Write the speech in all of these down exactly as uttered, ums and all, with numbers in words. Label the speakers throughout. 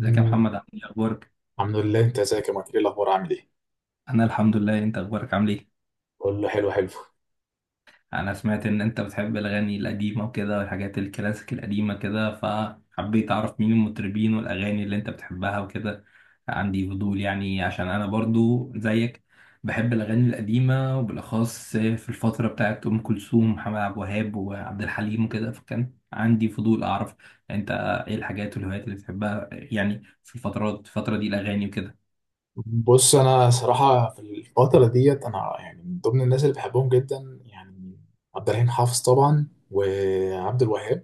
Speaker 1: ازيك يا محمد، عامل ايه، اخبارك؟
Speaker 2: الحمد لله، انت ازيك يا مايكل؟ ايه الاخبار، عامل ايه؟
Speaker 1: انا الحمد لله. انت اخبارك، عامل ايه؟
Speaker 2: كله حلو حلو.
Speaker 1: انا سمعت ان انت بتحب الاغاني القديمه وكده والحاجات الكلاسيك القديمه كده، فحبيت اعرف مين المطربين والاغاني اللي انت بتحبها وكده. عندي فضول يعني، عشان انا برضو زيك بحب الاغاني القديمه وبالاخص في الفتره بتاعت ام كلثوم، محمد عبد الوهاب، وعبد الحليم وكده. فكان عندي فضول اعرف انت ايه الحاجات والهوايات اللي بتحبها يعني في الفترات الفتره دي، الاغاني وكده.
Speaker 2: بص انا صراحه في الفتره ديت، انا يعني من ضمن الناس اللي بحبهم جدا يعني عبد الرحيم حافظ طبعا وعبد الوهاب.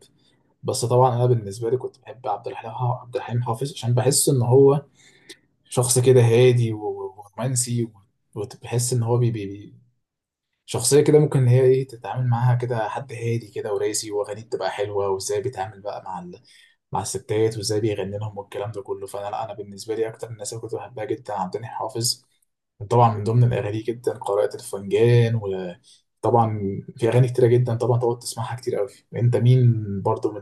Speaker 2: بس طبعا انا بالنسبه لي كنت بحب عبد الحليم، عبد الحليم حافظ، عشان بحس ان هو شخص كده هادي و- ورومانسي. وبحس ان هو بي بي شخصية كده ممكن إن هي إيه تتعامل معاها، كده حد هادي كده وراسي، وأغانيه بتبقى حلوة، وإزاي بيتعامل بقى مع ال... مع الستات، وإزاي بيغني لهم والكلام ده كله. فأنا لا أنا بالنسبة لي أكتر الناس اللي كنت بحبها جدا عبد الحليم حافظ. طبعا من ضمن الأغاني جدا قارئة الفنجان، وطبعا في أغاني كتيرة جدا طبعا تقعد تسمعها كتير أوي. أنت مين برضو من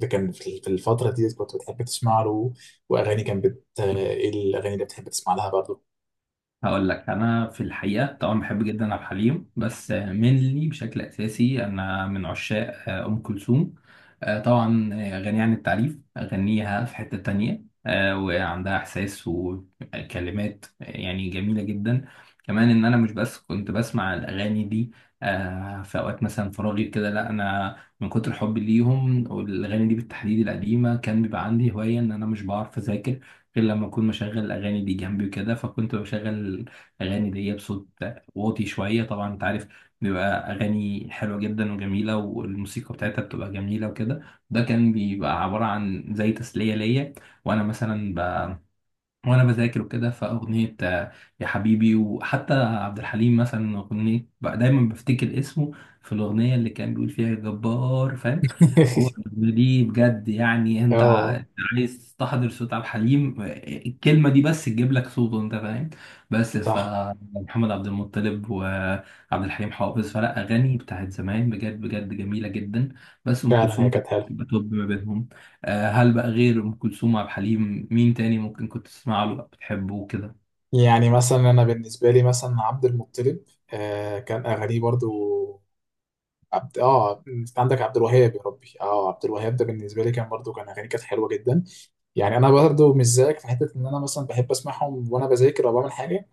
Speaker 2: اللي كان في في الفترة دي كنت بتحب تسمع له؟ وأغاني كان بت إيه الأغاني اللي بتحب تسمع لها برضو؟
Speaker 1: هقول لك، انا في الحقيقه طبعا بحب جدا عبد الحليم، بس منلي بشكل اساسي انا من عشاق آه، ام كلثوم. آه، طبعا آه، غنية عن التعريف، اغنيها في حته تانية. آه، وعندها احساس وكلمات آه، يعني جميله جدا. كمان ان انا مش بس كنت بسمع الاغاني دي آه، في اوقات مثلا فراغي كده، لا انا من كتر حبي ليهم والاغاني دي بالتحديد القديمه، كان بيبقى عندي هوايه ان انا مش بعرف اذاكر غير لما اكون مشغل الاغاني دي جنبي وكده. فكنت بشغل الاغاني دي بصوت واطي شويه، طبعا انت عارف بيبقى اغاني حلوه جدا وجميله، والموسيقى بتاعتها بتبقى جميله وكده. ده كان بيبقى عباره عن زي تسليه ليا وانا مثلا وانا بذاكر وكده. فاغنيه آه، يا حبيبي، وحتى عبد الحليم مثلا اغنيه بقى دايما بفتكر اسمه في الاغنيه اللي كان بيقول فيها يا جبار، فاهم؟ هو الاغنيه دي بجد يعني انت ع-
Speaker 2: آه،
Speaker 1: عايز تستحضر صوت عبد الحليم، آه، الكلمه دي بس تجيب لك صوته، انت فاهم. بس
Speaker 2: صح،
Speaker 1: فمحمد عبد المطلب وعبد الحليم حافظ، فلا اغاني بتاعت زمان بجد بجد جميله جدا، بس ام
Speaker 2: فعلا هي
Speaker 1: كلثوم كانت
Speaker 2: كانت حلوة.
Speaker 1: بتبقى توب ما بينهم. آه، هل بقى غير ام كلثوم، عبد الحليم، مين تاني ممكن كنت تسمع له بتحبه وكده؟
Speaker 2: يعني مثلا انا بالنسبه لي مثلا عبد المطلب، آه، كان اغانيه برضو. عبد، اه انت عندك عبد الوهاب، يا ربي، اه عبد الوهاب ده بالنسبه لي كان برضو، كان اغانيه كانت حلوه جدا. يعني انا برضو مش زيك في حته ان انا مثلا بحب اسمعهم وانا بذاكر او بعمل حاجه.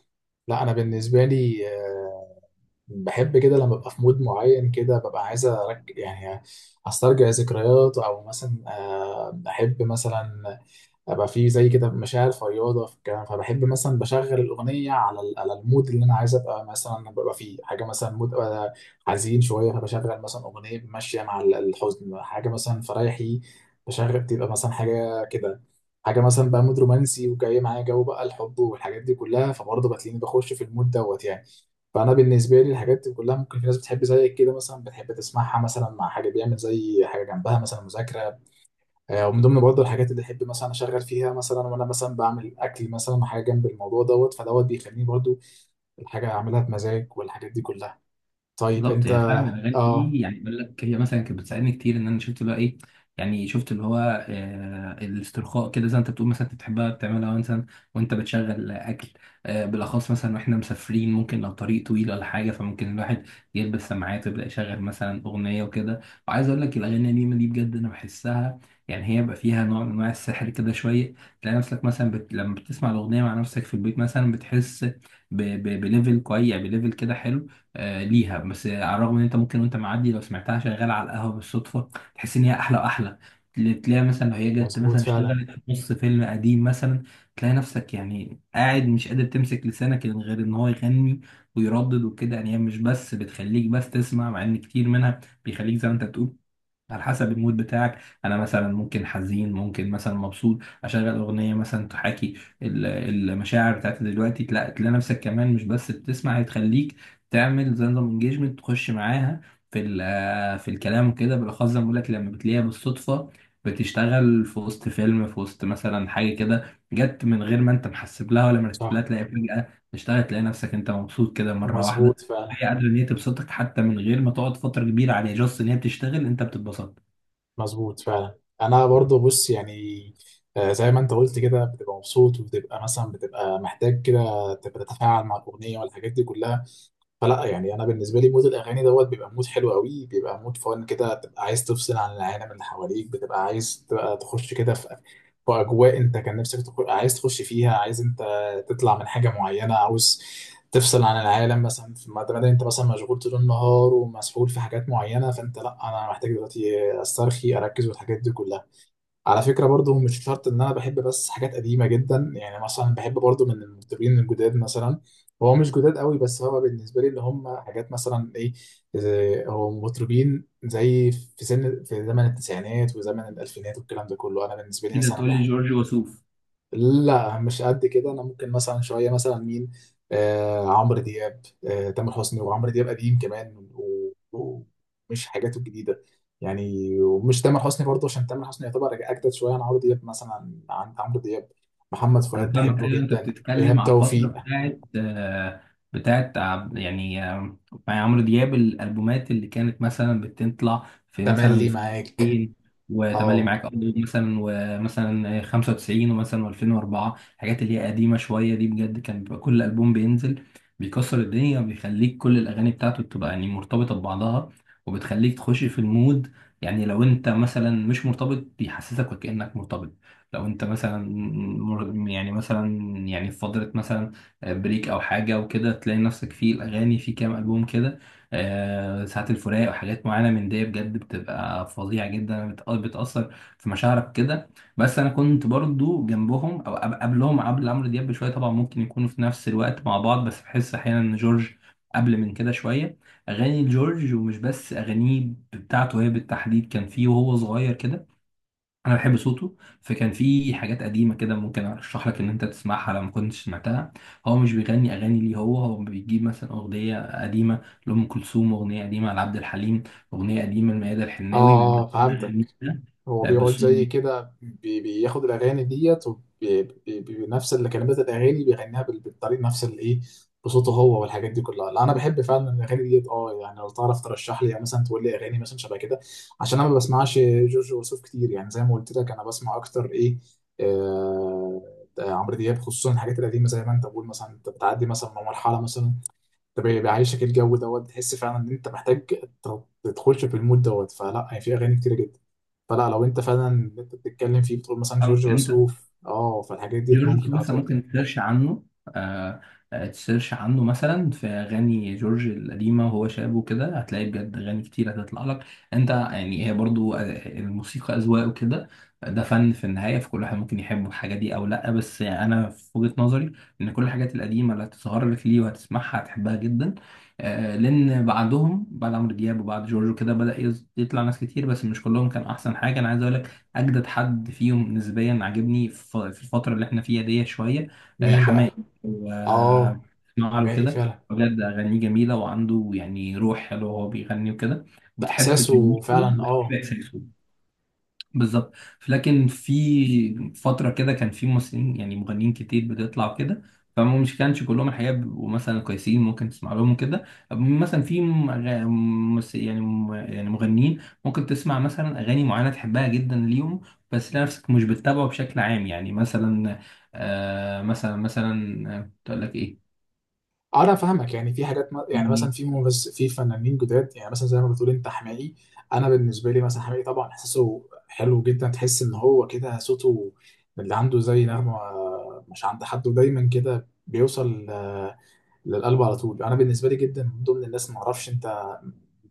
Speaker 2: لا انا بالنسبه لي آه بحب كده لما ببقى في مود معين كده، ببقى عايز ارجع يعني استرجع ذكريات، او مثلا آه بحب مثلا ابقى في زي كده مشاعر فياضه في الكلام. فبحب مثلا بشغل الاغنيه على ال- على المود اللي انا عايز ابقى مثلا ببقى فيه، حاجه مثلا مود أبقى حزين شويه فبشغل مثلا اغنيه ماشيه مع ال- الحزن، حاجه مثلا فريحي بشغل بتبقى مثلا حاجه كده. حاجه مثلا بقى مود رومانسي وجاي معايا جو بقى الحب والحاجات دي كلها، فبرضه بتلاقيني بخش في المود دوت يعني. فانا بالنسبه لي الحاجات دي كلها، ممكن في ناس بتحب زيك كده مثلا بتحب تسمعها مثلا مع حاجه، بيعمل زي حاجه جنبها مثلا مذاكره. آه، ومن ضمن برضه الحاجات اللي احب مثلا اشغل فيها، مثلا وانا مثلا بعمل اكل، مثلا حاجه جنب الموضوع دوت، فدوت بيخليني برضه الحاجه اعملها بمزاج والحاجات دي كلها. طيب
Speaker 1: بالظبط،
Speaker 2: انت.
Speaker 1: هي فعلا الاغاني
Speaker 2: اه.
Speaker 1: دي يعني بقول لك هي مثلا كانت بتساعدني كتير ان انا شفت بقى ايه، يعني شفت اللي هو آه الاسترخاء كده، زي ما انت بتقول مثلا انت بتحبها بتعملها مثلا وانت بتشغل اكل. آه بالاخص مثلا واحنا مسافرين، ممكن لو طريق طويل ولا حاجه، فممكن الواحد يلبس سماعات ويبدا يشغل مثلا اغنيه وكده. وعايز اقول لك الاغاني القديمه دي بجد انا بحسها يعني هي بقى فيها نوع من انواع السحر كده شويه. تلاقي نفسك مثلا بت... لما بتسمع الاغنيه مع نفسك في البيت مثلا بتحس ب... ب... بليفل كويس، يعني بليفل كده حلو آه، ليها. بس على الرغم ان انت ممكن وانت معدي لو سمعتها شغاله على القهوه بالصدفه، تحس ان هي احلى واحلى. تل- تلاقيها مثلا لو هي جت
Speaker 2: مظبوط
Speaker 1: مثلا
Speaker 2: فعلا.
Speaker 1: اشتغلت في نص فيلم قديم مثلا، تلاقي نفسك يعني قاعد مش قادر تمسك لسانك، يعني غير ان هو يغني ويردد وكده. يعني هي مش بس بتخليك بس تسمع، مع ان كتير منها بيخليك زي ما انت بتقول على حسب المود بتاعك. انا مثلا ممكن حزين، ممكن مثلا مبسوط، اشغل اغنيه مثلا تحاكي ال- المشاعر بتاعتي دلوقتي، تلاقي تلاقي نفسك كمان مش بس بتسمع، هي تخليك تعمل زي نظام انجيجمنت، تخش معاها في ال- في الكلام وكده، بالاخص زي ما بقول لك لما بتلاقيها بالصدفه بتشتغل في وسط فيلم، في وسط مثلا حاجه كده جت من غير ما انت محسب لها ولا مرتب لها،
Speaker 2: صح.
Speaker 1: تلاقي فجاه تشتغل، تلاقي نفسك انت مبسوط كده مره
Speaker 2: مظبوط
Speaker 1: واحده.
Speaker 2: فعلا.
Speaker 1: هي قادرة ان هي تبسطك حتى من غير ما تقعد فترة كبيرة عليها، جاست ان هي بتشتغل انت بتتبسط.
Speaker 2: مظبوط فعلا، انا برضه بص يعني آه، زي ما انت قلت كده، بتبقى مبسوط وبتبقى مثلا بتبقى محتاج كده تبقى تتفاعل مع الاغنيه والحاجات دي كلها. فلا يعني انا بالنسبه لي مود الاغاني دوت بيبقى مود حلو قوي، بيبقى مود فن كده، تبقى عايز تفصل عن العالم اللي حواليك، بتبقى عايز تبقى تخش كده في في اجواء انت كان نفسك تخ... عايز تخش فيها، عايز انت تطلع من حاجه معينه، عاوز تفصل عن العالم مثلا في ما دام انت مثلا مشغول طول النهار ومسحول في حاجات معينه. فانت لا، انا محتاج دلوقتي استرخي اركز والحاجات دي كلها. على فكرة برضو مش شرط ان انا بحب بس حاجات قديمة جدا. يعني مثلا بحب برضو من المطربين الجداد مثلا، هو مش جداد قوي، بس هو بالنسبة لي اللي هم حاجات مثلا ايه زي- هو مطربين زي في سن، في زمن التسعينات وزمن الالفينات والكلام ده كله، انا بالنسبة لي
Speaker 1: كده
Speaker 2: مثلا
Speaker 1: تقول لي
Speaker 2: بحب.
Speaker 1: جورج وسوف؟
Speaker 2: لا مش قد كده، انا ممكن مثلا شويه مثلا مين؟ آه عمرو دياب. آه تامر حسني وعمرو دياب قديم كمان و- و- ومش حاجاته الجديده. يعني ومش تامر حسني برضه عشان تامر حسني يعتبر اجدد شويه عن عمرو دياب، مثلا عن عمرو دياب. محمد
Speaker 1: انا
Speaker 2: فؤاد
Speaker 1: فاهمك،
Speaker 2: بحبه
Speaker 1: ايوه، انت
Speaker 2: جدا.
Speaker 1: بتتكلم
Speaker 2: ايهاب
Speaker 1: على الفتره
Speaker 2: توفيق.
Speaker 1: بتاعت آه، بتاعت عب- يعني آه، مع عمرو دياب، الالبومات اللي كانت مثلا بتطلع في مثلا
Speaker 2: تملي
Speaker 1: في
Speaker 2: معاك.
Speaker 1: ألفين وتملي
Speaker 2: اه.
Speaker 1: معاك، قضية مثلا، ومثلا آه، خمسة وتسعين ومثلا و2004، الحاجات اللي هي قديمه شويه دي بجد كان بيبقى كل البوم بينزل بيكسر الدنيا، بيخليك كل الاغاني بتاعته بتبقى يعني مرتبطه ببعضها، وبتخليك تخش في المود. يعني لو انت مثلا مش مرتبط، بيحسسك وكانك مرتبط. لو انت مثلا مر- يعني مثلا يعني في فترة مثلا بريك او حاجة وكده، تلاقي نفسك في الاغاني في كام البوم كده آه، ساعات الفراق وحاجات معينة من دي، بجد بتبقى فظيعة جدا، بت- بتأثر في مشاعرك كده. بس انا كنت برضو جنبهم او قب- قبلهم، قبل عمرو دياب بشوية. طبعا ممكن يكونوا في نفس الوقت مع بعض، بس بحس احيانا ان جورج قبل من كده شوية. أغاني جورج، ومش بس أغانيه بتاعته هي بالتحديد، كان فيه وهو صغير كده انا بحب صوته، فكان في حاجات قديمه كده ممكن ارشح لك ان انت تسمعها لو ما كنتش سمعتها. هو مش بيغني اغاني ليه، هو هو بيجيب مثلا اغنيه قديمه لام كلثوم، اغنيه قديمه لعبد الحليم، اغنيه قديمه لميادة الحناوي، بيبدا
Speaker 2: اه فهمتك. هو بيقعد زي
Speaker 1: بالصوت
Speaker 2: كده بي- بياخد الاغاني ديت وبي- بي- بي- بنفس اللي كلمات الاغاني بيغنيها بال- بالطريقه نفس اللي ايه، بصوته هو والحاجات دي كلها. لا، انا بحب فعلا الاغاني ديت اه. يعني لو تعرف ترشح لي يعني مثلا تقول لي اغاني مثلا شبه كده، عشان انا ما بسمعش جورج وسوف كتير، يعني زي ما قلت لك انا بسمع اكتر ايه، آه، عمرو دياب خصوصا الحاجات القديمه. زي ما انت بقول مثلا، انت بتعدي مثلا من مرحله مثلا، ده بي- بيعيشك الجو دوت، تحس فعلا ان انت محتاج ت- تدخلش في المود دوت. فلا هي في اغاني كتيره جدا. فلا لو انت فعلا اللي انت بتتكلم فيه بتقول مثلا جورج
Speaker 1: انت.
Speaker 2: وسوف، اه فالحاجات ديت
Speaker 1: جورج
Speaker 2: ممكن
Speaker 1: وسوف
Speaker 2: اه
Speaker 1: مثلا
Speaker 2: تقول دي.
Speaker 1: ممكن تسيرش عنه آه آه، تسيرش عنه مثلا في اغاني جورج القديمه وهو شاب وكده، هتلاقي بجد اغاني كتير هتطلع لك انت. يعني هي برضو آه، الموسيقى اذواق وكده، ده فن في النهايه، فكل واحد ممكن يحب الحاجه دي او لا. بس يعني انا في وجهه نظري ان كل الحاجات القديمه اللي هتظهر لك ليه وهتسمعها هتحبها جدا. آه لان بعدهم، بعد عمرو دياب وبعد جورج وكده، بدا يز- يطلع ناس كتير بس مش كلهم كان احسن حاجه. انا عايز اقول لك اجدد حد فيهم نسبيا عاجبني ف- في الفتره اللي احنا فيها دي شويه، آه،
Speaker 2: مين
Speaker 1: حماقي.
Speaker 2: بقى؟ اه
Speaker 1: واسمع له
Speaker 2: حماقي،
Speaker 1: كده،
Speaker 2: فعلا.
Speaker 1: بجد اغانيه جميله، وعنده يعني روح حلوه وهو بيغني وكده،
Speaker 2: ده
Speaker 1: وبتحب
Speaker 2: احساسه
Speaker 1: كلماته
Speaker 2: فعلا
Speaker 1: وبتحب
Speaker 2: اه.
Speaker 1: احساسه. بالظبط. لكن في فترة كده كان في ممثلين، يعني مغنيين كتير بتطلع كده، فما مش كانش كلهم الحقيقة بيبقوا مثلا كويسين ممكن تسمع لهم كده. مثلا في م- غ- مس- يعني م- يعني مغنيين ممكن تسمع مثلا أغاني معينة تحبها جدا ليهم، بس تلاقي نفسك مش بتتابعه بشكل عام. يعني مثلا آه مثلا مثلا آه، كنت أقول لك إيه؟
Speaker 2: آه، انا فاهمك. يعني في حاجات ما- يعني مثلا
Speaker 1: يعني
Speaker 2: في مغز في فنانين جداد يعني، مثلا زي ما بتقول انت حماقي، انا بالنسبه لي مثلا حماقي طبعا احساسه حلو جدا، تحس ان هو كده صوته اللي عنده زي نغمه مش عند حد، ودايما كده بيوصل آه، للقلب على طول. انا بالنسبه لي جدا من ضمن الناس. ما اعرفش انت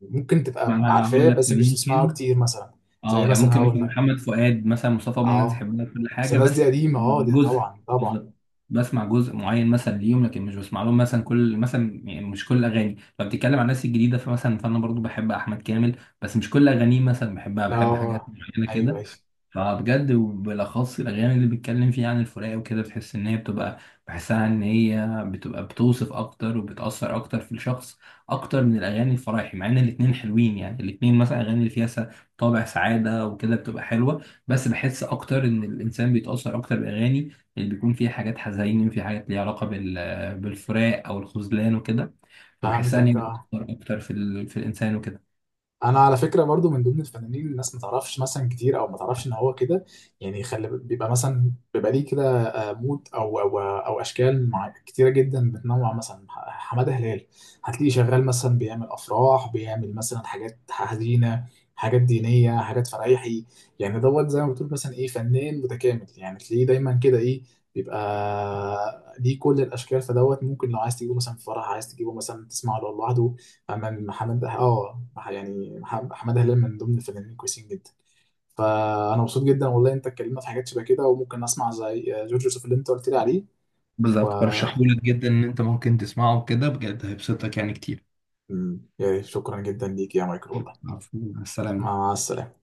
Speaker 2: ممكن
Speaker 1: ما
Speaker 2: تبقى
Speaker 1: أنا هقول
Speaker 2: عارفاه
Speaker 1: لك،
Speaker 2: بس مش بتسمعه
Speaker 1: ممكن
Speaker 2: كتير مثلا، زي
Speaker 1: اه يعني
Speaker 2: مثلا
Speaker 1: ممكن
Speaker 2: هقول
Speaker 1: مثلا
Speaker 2: لك.
Speaker 1: محمد فؤاد مثلا، مصطفى عمر،
Speaker 2: اه
Speaker 1: تحبنا كل
Speaker 2: بس
Speaker 1: حاجه
Speaker 2: الناس دي
Speaker 1: بس
Speaker 2: قديمه، اه دي
Speaker 1: جزء،
Speaker 2: طبعا طبعا.
Speaker 1: بالظبط بسمع جزء معين مثلا ليهم لكن مش بسمع لهم مثلا كل، مثلا يعني مش كل اغاني. لو بتتكلم عن الناس الجديده فمثلا فانا برضو بحب احمد كامل، بس مش كل اغانيه مثلا بحبها،
Speaker 2: اه.
Speaker 1: بحب حاجات
Speaker 2: آه،
Speaker 1: معينه
Speaker 2: ايوه
Speaker 1: كده.
Speaker 2: ايوه،
Speaker 1: فبجد وبالاخص الاغاني اللي بيتكلم فيها عن الفراق وكده، بتحس ان هي بتبقى، بحسها ان هي بتبقى بتوصف اكتر وبتاثر اكتر في الشخص، اكتر من الاغاني الفرايحي، مع ان الاتنين حلوين. يعني الاتنين مثلا اغاني اللي فيها س- طابع سعاده وكده بتبقى حلوه، بس بحس اكتر ان الانسان بيتاثر اكتر بالاغاني اللي بيكون فيها حاجات حزين، في حاجات ليها علاقه بال- بالفراق او الخذلان وكده، فبحسها ان هي
Speaker 2: فهمتك
Speaker 1: بتاثر
Speaker 2: اه.
Speaker 1: اكتر في ال... في الانسان وكده.
Speaker 2: انا على فكره برضو من ضمن الفنانين اللي الناس ما تعرفش مثلا كتير، او ما تعرفش ان هو كده يعني خلي بيبقى مثلا، بيبقى ليه كده آه، مود او او او اشكال مع كتيره جدا بتنوع، مثلا ح- حماده هلال. هتلاقيه شغال مثلا بيعمل افراح، بيعمل مثلا حاجات حزينه، حاجات دينيه، حاجات فرايحي. يعني دوت زي ما بتقول مثلا ايه فنان متكامل، يعني تلاقيه دايما كده ايه بيبقى ليه كل الاشكال. فدوت ممكن لو عايز تجيبه مثلا في فرح، عايز تجيبه مثلا تسمعه لوحده أمام محمد اه. يعني مح- حماده هلال من ضمن الفنانين الكويسين جدا. فانا مبسوط جدا والله، انت اتكلمنا في حاجات شبه كده وممكن اسمع زي جورج يوسف اللي انت قلت لي عليه. و،
Speaker 1: بالظبط، برشحهولك جدا، ان انت ممكن تسمعه كده بجد هيبسطك يعني كتير.
Speaker 2: مم، يعني شكرا جدا ليك يا مايكل والله.
Speaker 1: عفوا، مع السلامة.
Speaker 2: مع السلامه.